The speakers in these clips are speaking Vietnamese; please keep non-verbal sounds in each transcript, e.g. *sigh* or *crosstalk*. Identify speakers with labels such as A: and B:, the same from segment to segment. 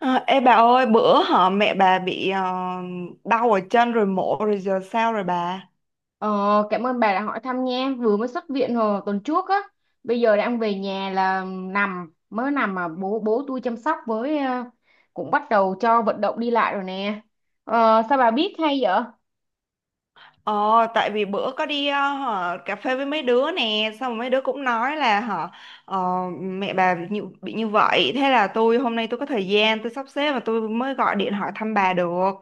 A: À, ê bà ơi, bữa họ mẹ bà bị đau ở chân rồi mổ rồi giờ sao rồi bà?
B: Ờ, cảm ơn bà đã hỏi thăm nha. Vừa mới xuất viện hồi tuần trước á. Bây giờ đang về nhà là nằm, mới nằm mà bố bố tôi chăm sóc, với cũng bắt đầu cho vận động đi lại rồi nè. Ờ, sao bà biết hay vậy?
A: Ờ, tại vì bữa có đi hả, cà phê với mấy đứa nè xong rồi mấy đứa cũng nói là hả ờ, mẹ bà bị như vậy thế là tôi hôm nay tôi có thời gian tôi sắp xếp và tôi mới gọi điện hỏi thăm bà được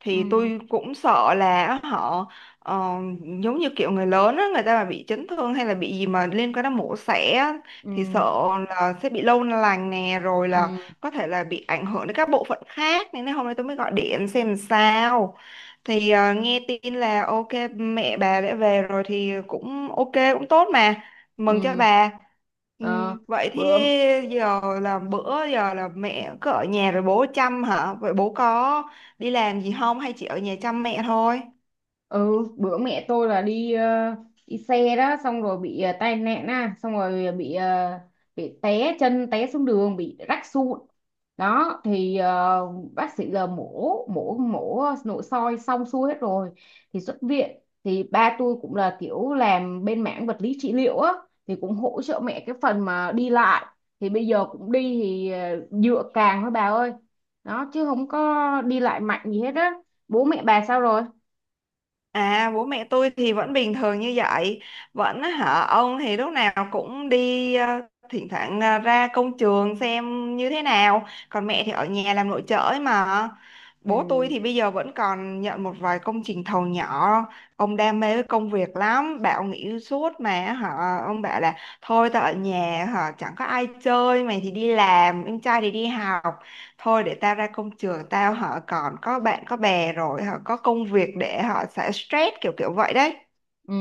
A: thì
B: Ừ,
A: tôi cũng sợ là họ ờ, giống như kiểu người lớn á, người ta mà bị chấn thương hay là bị gì mà liên quan đến mổ xẻ á,
B: ừ,
A: thì sợ là sẽ bị lâu lành nè rồi
B: ừ,
A: là có thể là bị ảnh hưởng đến các bộ phận khác nên hôm nay tôi mới gọi điện xem sao thì nghe tin là ok mẹ bà đã về rồi thì cũng ok cũng tốt mà mừng cho
B: ừ.
A: bà.
B: Ờ,
A: Vậy thì
B: bữa
A: giờ là bữa giờ là mẹ cứ ở nhà rồi bố chăm hả vậy bố có đi làm gì không hay chỉ ở nhà chăm mẹ thôi.
B: ừ bữa mẹ tôi là đi xe đó, xong rồi bị tai nạn á, xong rồi bị bị té chân, té xuống đường, bị rách sụn đó. Thì bác sĩ giờ mổ mổ mổ nội soi xong xuôi hết rồi. Thì xuất viện, thì ba tôi cũng là kiểu làm bên mảng vật lý trị liệu á, thì cũng hỗ trợ mẹ cái phần mà đi lại. Thì bây giờ cũng đi, thì dựa càng thôi bà ơi, đó chứ không có đi lại mạnh gì hết á. Bố mẹ bà sao rồi?
A: À, bố mẹ tôi thì vẫn bình thường như vậy. Vẫn hả ông thì lúc nào cũng đi thỉnh thoảng ra công trường xem như thế nào. Còn mẹ thì ở nhà làm nội trợ ấy mà.
B: Ừ.
A: Bố tôi thì bây giờ vẫn còn nhận một vài công trình thầu nhỏ. Ông đam mê với công việc lắm. Bảo nghỉ suốt mà hả ông bảo là thôi tao ở nhà hả chẳng có ai chơi, mày thì đi làm, em trai thì đi học, thôi để tao ra công trường tao họ còn có bạn có bè rồi họ có công việc để họ sẽ stress kiểu kiểu vậy đấy.
B: Ừ,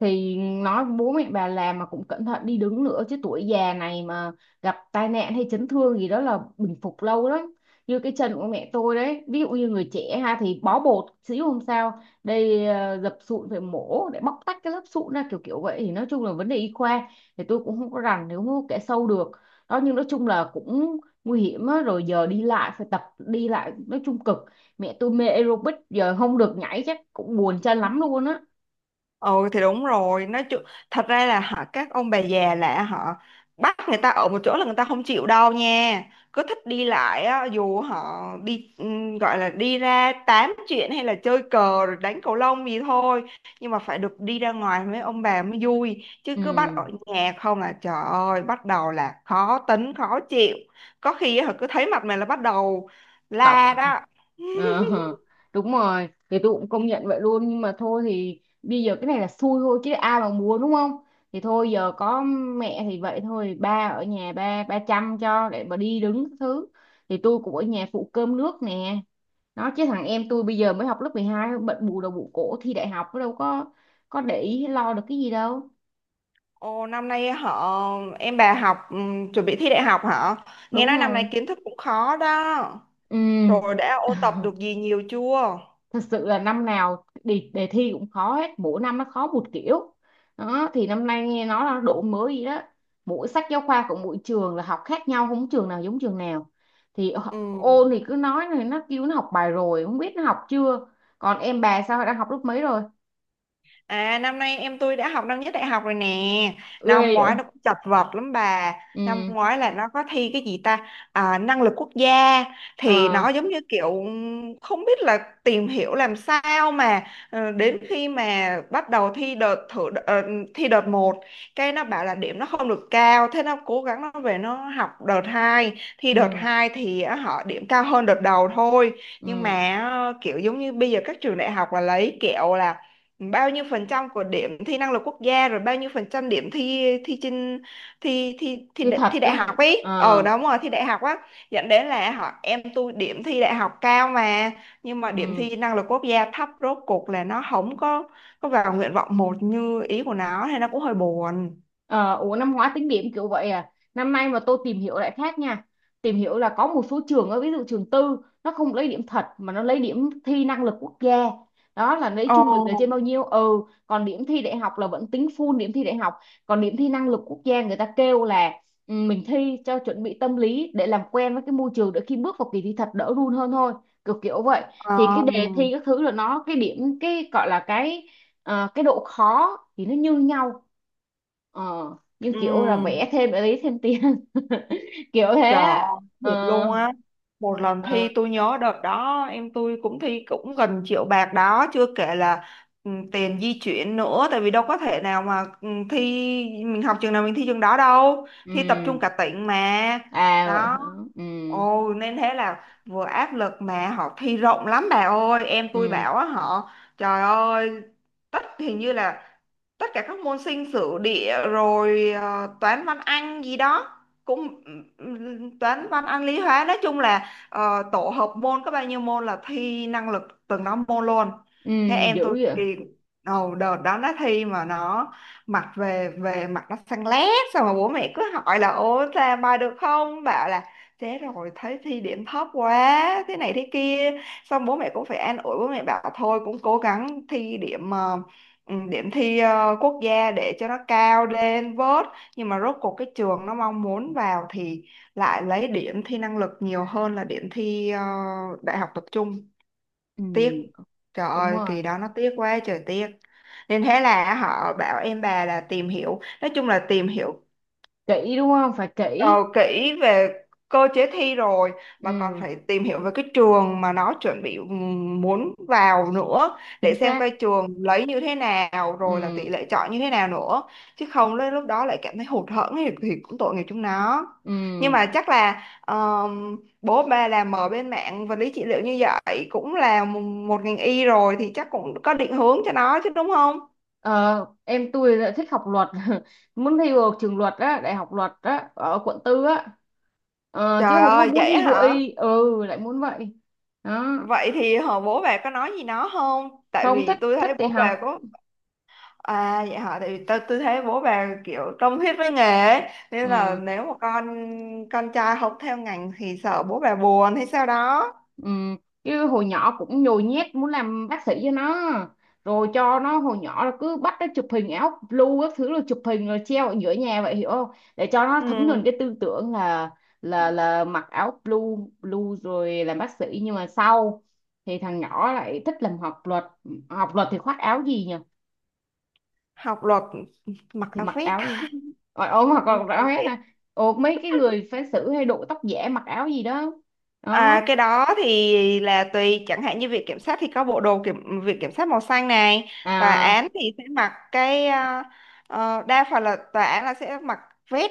B: thì nói bố mẹ bà làm mà cũng cẩn thận đi đứng nữa chứ, tuổi già này mà gặp tai nạn hay chấn thương gì đó là bình phục lâu lắm. Như cái chân của mẹ tôi đấy, ví dụ như người trẻ ha thì bó bột xíu không sao, đây dập sụn phải mổ để bóc tách cái lớp sụn ra, kiểu kiểu vậy. Thì nói chung là vấn đề y khoa thì tôi cũng không có rành, nếu không có kẻ sâu được đó. Nhưng nói chung là cũng nguy hiểm á. Rồi giờ đi lại phải tập đi lại, nói chung cực. Mẹ tôi mê aerobic giờ không được nhảy chắc cũng buồn chân lắm luôn á.
A: Ừ thì đúng rồi nói chung thật ra là họ các ông bà già là họ bắt người ta ở một chỗ là người ta không chịu đâu nha, cứ thích đi lại á dù họ đi gọi là đi ra tám chuyện hay là chơi cờ rồi đánh cầu lông gì thôi, nhưng mà phải được đi ra ngoài với ông bà mới vui chứ cứ bắt
B: Ừ,
A: ở nhà không là trời ơi bắt đầu là khó tính khó chịu, có khi họ cứ thấy mặt mày là bắt đầu
B: cọc.
A: la
B: *laughs*
A: đó. *laughs*
B: Ờ, đúng rồi, thì tôi cũng công nhận vậy luôn. Nhưng mà thôi thì bây giờ cái này là xui thôi, chứ ai mà mua đúng không. Thì thôi giờ có mẹ thì vậy thôi, ba ở nhà, ba ba chăm cho để mà đi đứng các thứ. Thì tôi cũng ở nhà phụ cơm nước nè. Nó chứ thằng em tôi bây giờ mới học lớp mười hai, bận bù đầu bù cổ thi đại học, nó đâu có để ý hay lo được cái gì đâu.
A: Ồ, năm nay họ em bà học chuẩn bị thi đại học hả? Nghe nói
B: Đúng
A: năm
B: rồi.
A: nay kiến thức cũng khó đó.
B: Ừ,
A: Rồi đã ôn tập được gì nhiều chưa?
B: thật sự là năm nào đề thi cũng khó hết, mỗi năm nó khó một kiểu đó. Thì năm nay nghe nói là độ mới gì đó, mỗi sách giáo khoa của mỗi trường là học khác nhau, không trường nào giống trường nào. Thì
A: Ừ.
B: ôn thì cứ nói, này nó kêu nó học bài rồi không biết nó học chưa. Còn em bà sao, đang học lớp mấy rồi?
A: À, năm nay em tôi đã học năm nhất đại học rồi nè.
B: Ghê
A: Năm
B: vậy.
A: ngoái nó cũng chật vật lắm bà. Năm
B: Ừ.
A: ngoái là nó có thi cái gì ta? À, năng lực quốc gia, thì
B: Ờ.
A: nó giống như kiểu không biết là tìm hiểu làm sao mà đến khi mà bắt đầu thi đợt thử thi đợt một cái nó bảo là điểm nó không được cao thế nó cố gắng nó về nó học đợt hai thi đợt
B: Ừ.
A: hai thì họ điểm cao hơn đợt đầu thôi. Nhưng
B: Ừ,
A: mà kiểu giống như bây giờ các trường đại học là lấy kiểu là bao nhiêu phần trăm của điểm thi năng lực quốc gia rồi bao nhiêu phần trăm điểm thi thi trên thi thi
B: thì thật
A: thi đại
B: đó.
A: học ấy ờ
B: Ờ.
A: đúng rồi thi đại học á, dẫn đến là họ em tôi điểm thi đại học cao mà nhưng mà điểm
B: Ừ.
A: thi năng lực quốc gia thấp rốt cuộc là nó không có có vào nguyện vọng một như ý của nó thì nó cũng hơi buồn.
B: Ờ, ủa năm hóa tính điểm kiểu vậy à? Năm nay mà tôi tìm hiểu lại khác nha. Tìm hiểu là có một số trường, ở ví dụ trường tư, nó không lấy điểm thật mà nó lấy điểm thi năng lực quốc gia đó, là lấy trung bình là trên
A: Ồ,
B: bao nhiêu. Ừ. Còn điểm thi đại học là vẫn tính full điểm thi đại học. Còn điểm thi năng lực quốc gia người ta kêu là, mình thi cho chuẩn bị tâm lý để làm quen với cái môi trường, để khi bước vào kỳ thi thật đỡ run hơn thôi, kiểu kiểu vậy.
A: ờ.
B: Thì cái đề thi các thứ là nó, cái điểm cái gọi là cái độ khó thì nó như nhau. Ờ. Nhưng
A: Ừ.
B: kiểu là vẽ thêm để lấy thêm tiền. *laughs* Kiểu thế
A: Trời
B: á.
A: ơi,
B: Ờ.
A: thiệt luôn á. Một lần thi
B: Ờ.
A: tôi nhớ đợt đó em tôi cũng thi cũng gần triệu bạc đó, chưa kể là ừ, tiền di chuyển nữa tại vì đâu có thể nào mà ừ, thi mình học trường nào mình thi trường đó đâu.
B: Ừ.
A: Thi tập trung cả tỉnh mà.
B: À vậy
A: Đó.
B: hả. Ừ.
A: Ồ nên thế là vừa áp lực mà họ thi rộng lắm bà ơi, em tôi
B: Ừ.
A: bảo á họ trời ơi tất hình như là tất cả các môn sinh sử địa rồi toán văn anh gì đó, cũng toán văn Anh lý hóa nói chung là tổ hợp môn có bao nhiêu môn là thi năng lực từng đó môn luôn.
B: Ừ,
A: Thế em
B: dữ
A: tôi
B: vậy.
A: kỳ đầu đợt đó nó thi mà nó mặt về về mặt nó xanh lét xong mà bố mẹ cứ hỏi là ô ra bài được không bảo là thế rồi thấy thi điểm thấp quá thế này thế kia, xong bố mẹ cũng phải an ủi bố mẹ bảo thôi cũng cố gắng thi điểm điểm thi quốc gia để cho nó cao lên vớt, nhưng mà rốt cuộc cái trường nó mong muốn vào thì lại lấy điểm thi năng lực nhiều hơn là điểm thi đại học tập trung.
B: Ừ,
A: Tiếc, trời
B: đúng
A: ơi kỳ
B: rồi.
A: đó nó tiếc quá trời tiếc. Nên thế là họ bảo em bà là tìm hiểu nói chung là tìm hiểu
B: Kỹ đúng không, phải
A: ờ,
B: kỹ.
A: kỹ về cơ chế thi rồi
B: Ừ,
A: mà còn phải tìm hiểu về cái trường mà nó chuẩn bị muốn vào nữa, để
B: chính
A: xem
B: xác.
A: coi trường lấy như thế nào rồi là
B: Ừ.
A: tỷ lệ chọi như thế nào nữa chứ không đến lúc đó lại cảm thấy hụt hẫng thì cũng tội nghiệp chúng nó.
B: Ừ.
A: Nhưng mà chắc là bố ba làm ở bên mạng vật lý trị liệu như vậy cũng là một một ngành y rồi thì chắc cũng có định hướng cho nó chứ đúng không.
B: ờ em tôi lại thích học luật. *laughs* Muốn thi vào trường luật á, đại học luật á, ở quận tư á. Ờ, chứ
A: Trời
B: không có
A: ơi
B: muốn
A: vậy
B: thi vô
A: hả.
B: y. Ừ, lại muốn vậy đó.
A: Vậy thì họ bố bà có nói gì nó không? Tại
B: Không thích,
A: vì tôi
B: thích
A: thấy
B: thì
A: bố
B: học.
A: bà có à vậy hả? Tại vì tôi thấy bố bà kiểu tâm huyết với nghề ấy. Nên là
B: Ừ.
A: nếu mà con trai học theo ngành thì sợ bố bà buồn hay sao đó.
B: Ừ, chứ hồi nhỏ cũng nhồi nhét muốn làm bác sĩ cho nó, rồi cho nó hồi nhỏ là cứ bắt nó chụp hình áo blue các thứ, rồi chụp hình rồi treo ở giữa nhà vậy, hiểu không? Để cho nó thấm nhuần
A: Ừ,
B: cái tư tưởng là là mặc áo blue blue rồi làm bác sĩ. Nhưng mà sau thì thằng nhỏ lại thích làm, học luật. Học luật thì khoác áo gì nhỉ?
A: học luật mặc
B: Thì
A: áo
B: mặc
A: vest.
B: áo gì, ôi ôm hoặc
A: Ừ, mặc
B: là
A: áo
B: áo hết
A: vest.
B: à? Ồ, mấy cái người phán xử hay đội tóc giả mặc áo gì đó đó
A: À, cái đó thì là tùy chẳng hạn như viện kiểm sát thì có bộ đồ kiểm viện kiểm sát màu xanh này, tòa
B: à.
A: án thì sẽ mặc cái đa phần là tòa án là sẽ mặc vest.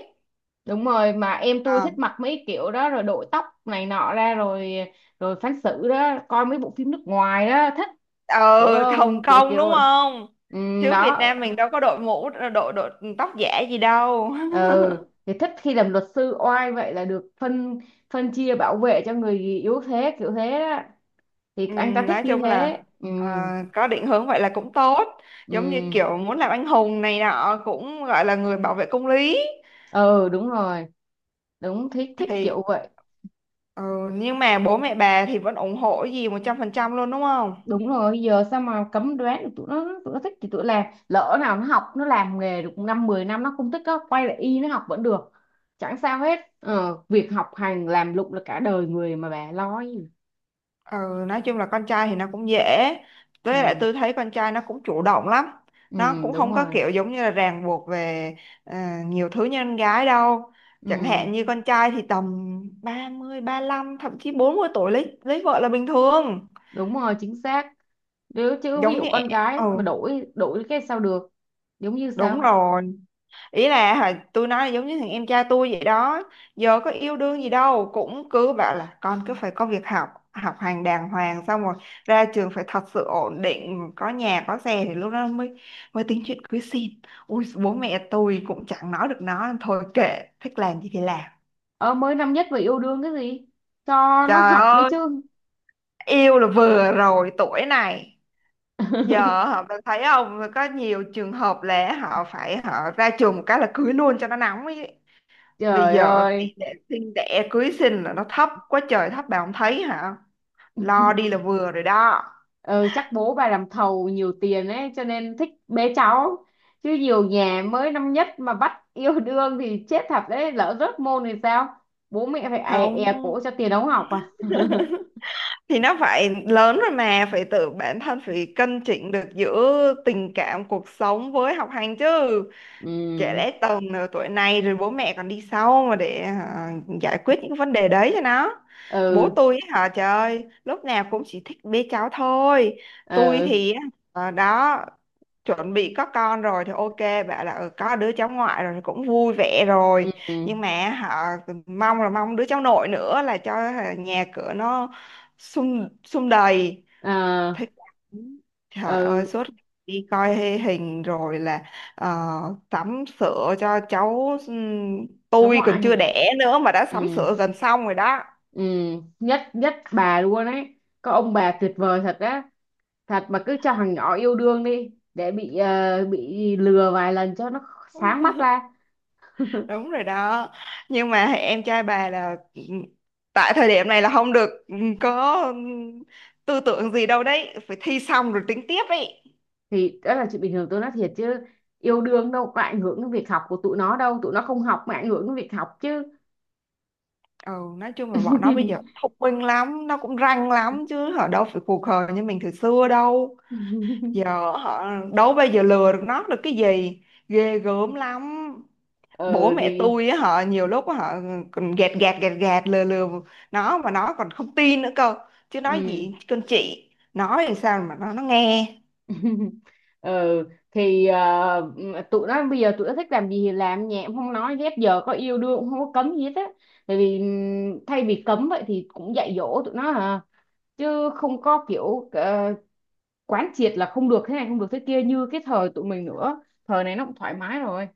B: Đúng rồi, mà em tôi
A: Ờ,
B: thích mặc mấy kiểu đó, rồi đội tóc này nọ ra rồi rồi phán xử đó, coi mấy bộ phim nước ngoài đó thích.
A: ừ.
B: Kiểu
A: Hồng
B: không, kiểu
A: Kông đúng
B: kiểu.
A: không,
B: Ừ,
A: chứ Việt
B: đó.
A: Nam mình đâu có đội mũ đội đội tóc giả gì đâu.
B: Ừ,
A: *laughs*
B: thì thích khi làm luật sư oai vậy, là được phân phân chia bảo vệ cho người yếu thế, kiểu thế đó. Thì anh ta thích
A: Nói
B: như
A: chung là
B: thế. Ừ.
A: ờ, có định hướng vậy là cũng tốt, giống như
B: Ừ.
A: kiểu muốn làm anh hùng này nọ cũng gọi là người bảo vệ công lý
B: Ừ, đúng rồi, đúng thích, thích
A: thì
B: kiểu vậy.
A: ừ, nhưng mà bố mẹ bà thì vẫn ủng hộ cái gì một trăm phần trăm luôn đúng không.
B: Đúng rồi, giờ sao mà cấm đoán được tụi nó. Tụi nó thích thì tụi làm, lỡ nào nó học nó làm nghề được năm 10 năm nó không thích nó quay lại y nó học vẫn được, chẳng sao hết. Ờ, việc học hành làm lụng là cả đời người mà, bà lo gì.
A: Ừ, nói chung là con trai thì nó cũng dễ, với lại
B: Ừ.
A: tôi thấy con trai nó cũng chủ động lắm,
B: Ừ,
A: nó cũng
B: đúng
A: không có
B: rồi.
A: kiểu giống như là ràng buộc về ờ, nhiều thứ như con gái đâu, chẳng
B: Ừ,
A: hạn như con trai thì tầm 30, lăm thậm chí 40 tuổi lấy vợ là bình thường.
B: đúng rồi, chính xác. Nếu chứ ví
A: Giống
B: dụ
A: như
B: con gái
A: ừ
B: mà đổi đổi cái sao được. Giống như
A: đúng
B: sao.
A: rồi, ý là hồi tôi nói giống như thằng em trai tôi vậy đó, giờ có yêu đương gì đâu cũng cứ bảo là con cứ phải có việc học học hành đàng hoàng xong rồi ra trường phải thật sự ổn định có nhà có xe thì lúc đó mới mới tính chuyện cưới xin, ui bố mẹ tôi cũng chẳng nói được nó thôi kệ thích làm gì thì làm.
B: Ờ mới năm nhất mà yêu đương cái gì, cho nó
A: Trời
B: học đi
A: ơi
B: chứ.
A: yêu là vừa rồi tuổi này, giờ
B: *laughs*
A: họ bạn thấy không có nhiều trường hợp là họ phải họ ra trường một cái là cưới luôn cho nó nóng ấy, bây
B: Trời
A: giờ tỷ
B: ơi.
A: lệ sinh đẻ cưới sinh là nó thấp quá trời thấp bà không thấy hả, lo đi là vừa rồi đó.
B: Ừ, chắc bố bà làm thầu nhiều tiền ấy cho nên thích bế cháu, chứ nhiều nhà mới năm nhất mà bắt yêu đương thì chết thật đấy, lỡ rớt môn thì sao, bố mẹ phải è
A: Không,
B: cổ cho tiền ống học à.
A: thì nó phải lớn rồi mà phải tự bản thân phải cân chỉnh được giữa tình cảm cuộc sống với học hành chứ, trẻ
B: Ừ.
A: lẽ tầm nửa tuổi này rồi bố mẹ còn đi sau mà để hả, giải quyết những vấn đề đấy cho nó. Bố
B: Ừ.
A: tôi ấy hả trời ơi lúc nào cũng chỉ thích bế cháu thôi, tôi
B: Ừ.
A: thì á, đó chuẩn bị có con rồi thì ok bảo là ừ, có đứa cháu ngoại rồi thì cũng vui vẻ rồi,
B: Ừ.
A: nhưng mà họ mong là mong đứa cháu nội nữa là cho hả, nhà cửa nó sum sum đầy,
B: À,
A: thích lắm. Trời ơi
B: ừ.
A: suốt ngày đi coi hay hình rồi là ờ, sắm sửa cho cháu
B: Cháu
A: tôi
B: ngoại
A: còn
B: hả?
A: chưa đẻ nữa mà đã sắm
B: Ừ.
A: sửa gần xong rồi đó.
B: Ừ. Nhất nhất bà luôn ấy, có ông bà tuyệt vời thật á. Thật mà, cứ cho thằng nhỏ yêu đương đi, để bị bị lừa vài lần cho nó sáng mắt ra.
A: Đúng rồi đó, nhưng mà em trai bà là tại thời điểm này là không được có tư tưởng gì đâu đấy phải thi xong rồi tính tiếp ấy.
B: Thì đó là chuyện bình thường, tôi nói thiệt chứ, yêu đương đâu có ảnh hưởng đến việc học của tụi nó đâu, tụi nó không học mà ảnh hưởng đến việc học chứ.
A: Ừ, nói chung là bọn nó bây giờ thông minh lắm nó cũng ranh lắm chứ ở đâu phải khù khờ như mình thời xưa đâu,
B: *laughs*
A: giờ họ đâu bây giờ lừa được nó được cái gì, ghê gớm lắm. Bố
B: Ờ
A: mẹ
B: thì.
A: tôi á họ nhiều lúc họ còn gạt gạt gạt gạt lừa lừa nó mà nó còn không tin nữa cơ, chứ nói
B: Ừ.
A: gì con chị nói làm sao mà nó nghe.
B: *laughs* Ờ thì tụi nó bây giờ tụi nó thích làm gì thì làm, nhẹ cũng không nói ghép, giờ có yêu đương cũng không có cấm gì hết á. Tại vì thay vì cấm vậy thì cũng dạy dỗ tụi nó à, chứ không có kiểu quán triệt là không được thế này không được thế kia như cái thời tụi mình nữa. Thời này nó cũng thoải mái rồi.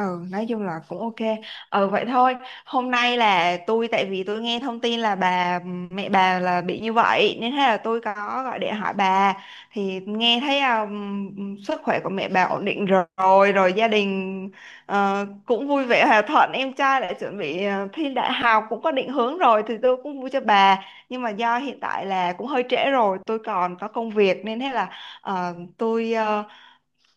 A: Ừ, nói chung là cũng ok. Ừ, vậy thôi. Hôm nay là tôi, tại vì tôi nghe thông tin là bà, mẹ bà là bị như vậy, nên thế là tôi có gọi điện hỏi bà. Thì nghe thấy sức khỏe của mẹ bà ổn định rồi, rồi gia đình cũng vui vẻ hòa thuận. Em trai đã chuẩn bị thi đại học, cũng có định hướng rồi, thì tôi cũng vui cho bà. Nhưng mà do hiện tại là cũng hơi trễ rồi, tôi còn có công việc, nên thế là tôi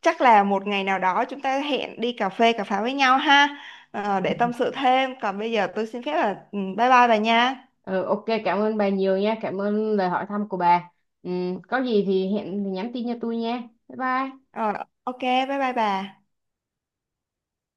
A: chắc là một ngày nào đó chúng ta hẹn đi cà phê cà pháo với nhau ha, để tâm sự thêm còn bây giờ tôi xin phép là ừ, bye bye bà nha.
B: Ừ, ok, cảm ơn bà nhiều nha, cảm ơn lời hỏi thăm của bà. Ừ, có gì thì hẹn thì nhắn tin cho tôi nha. Bye bye.
A: ờ, ok bye bye bà.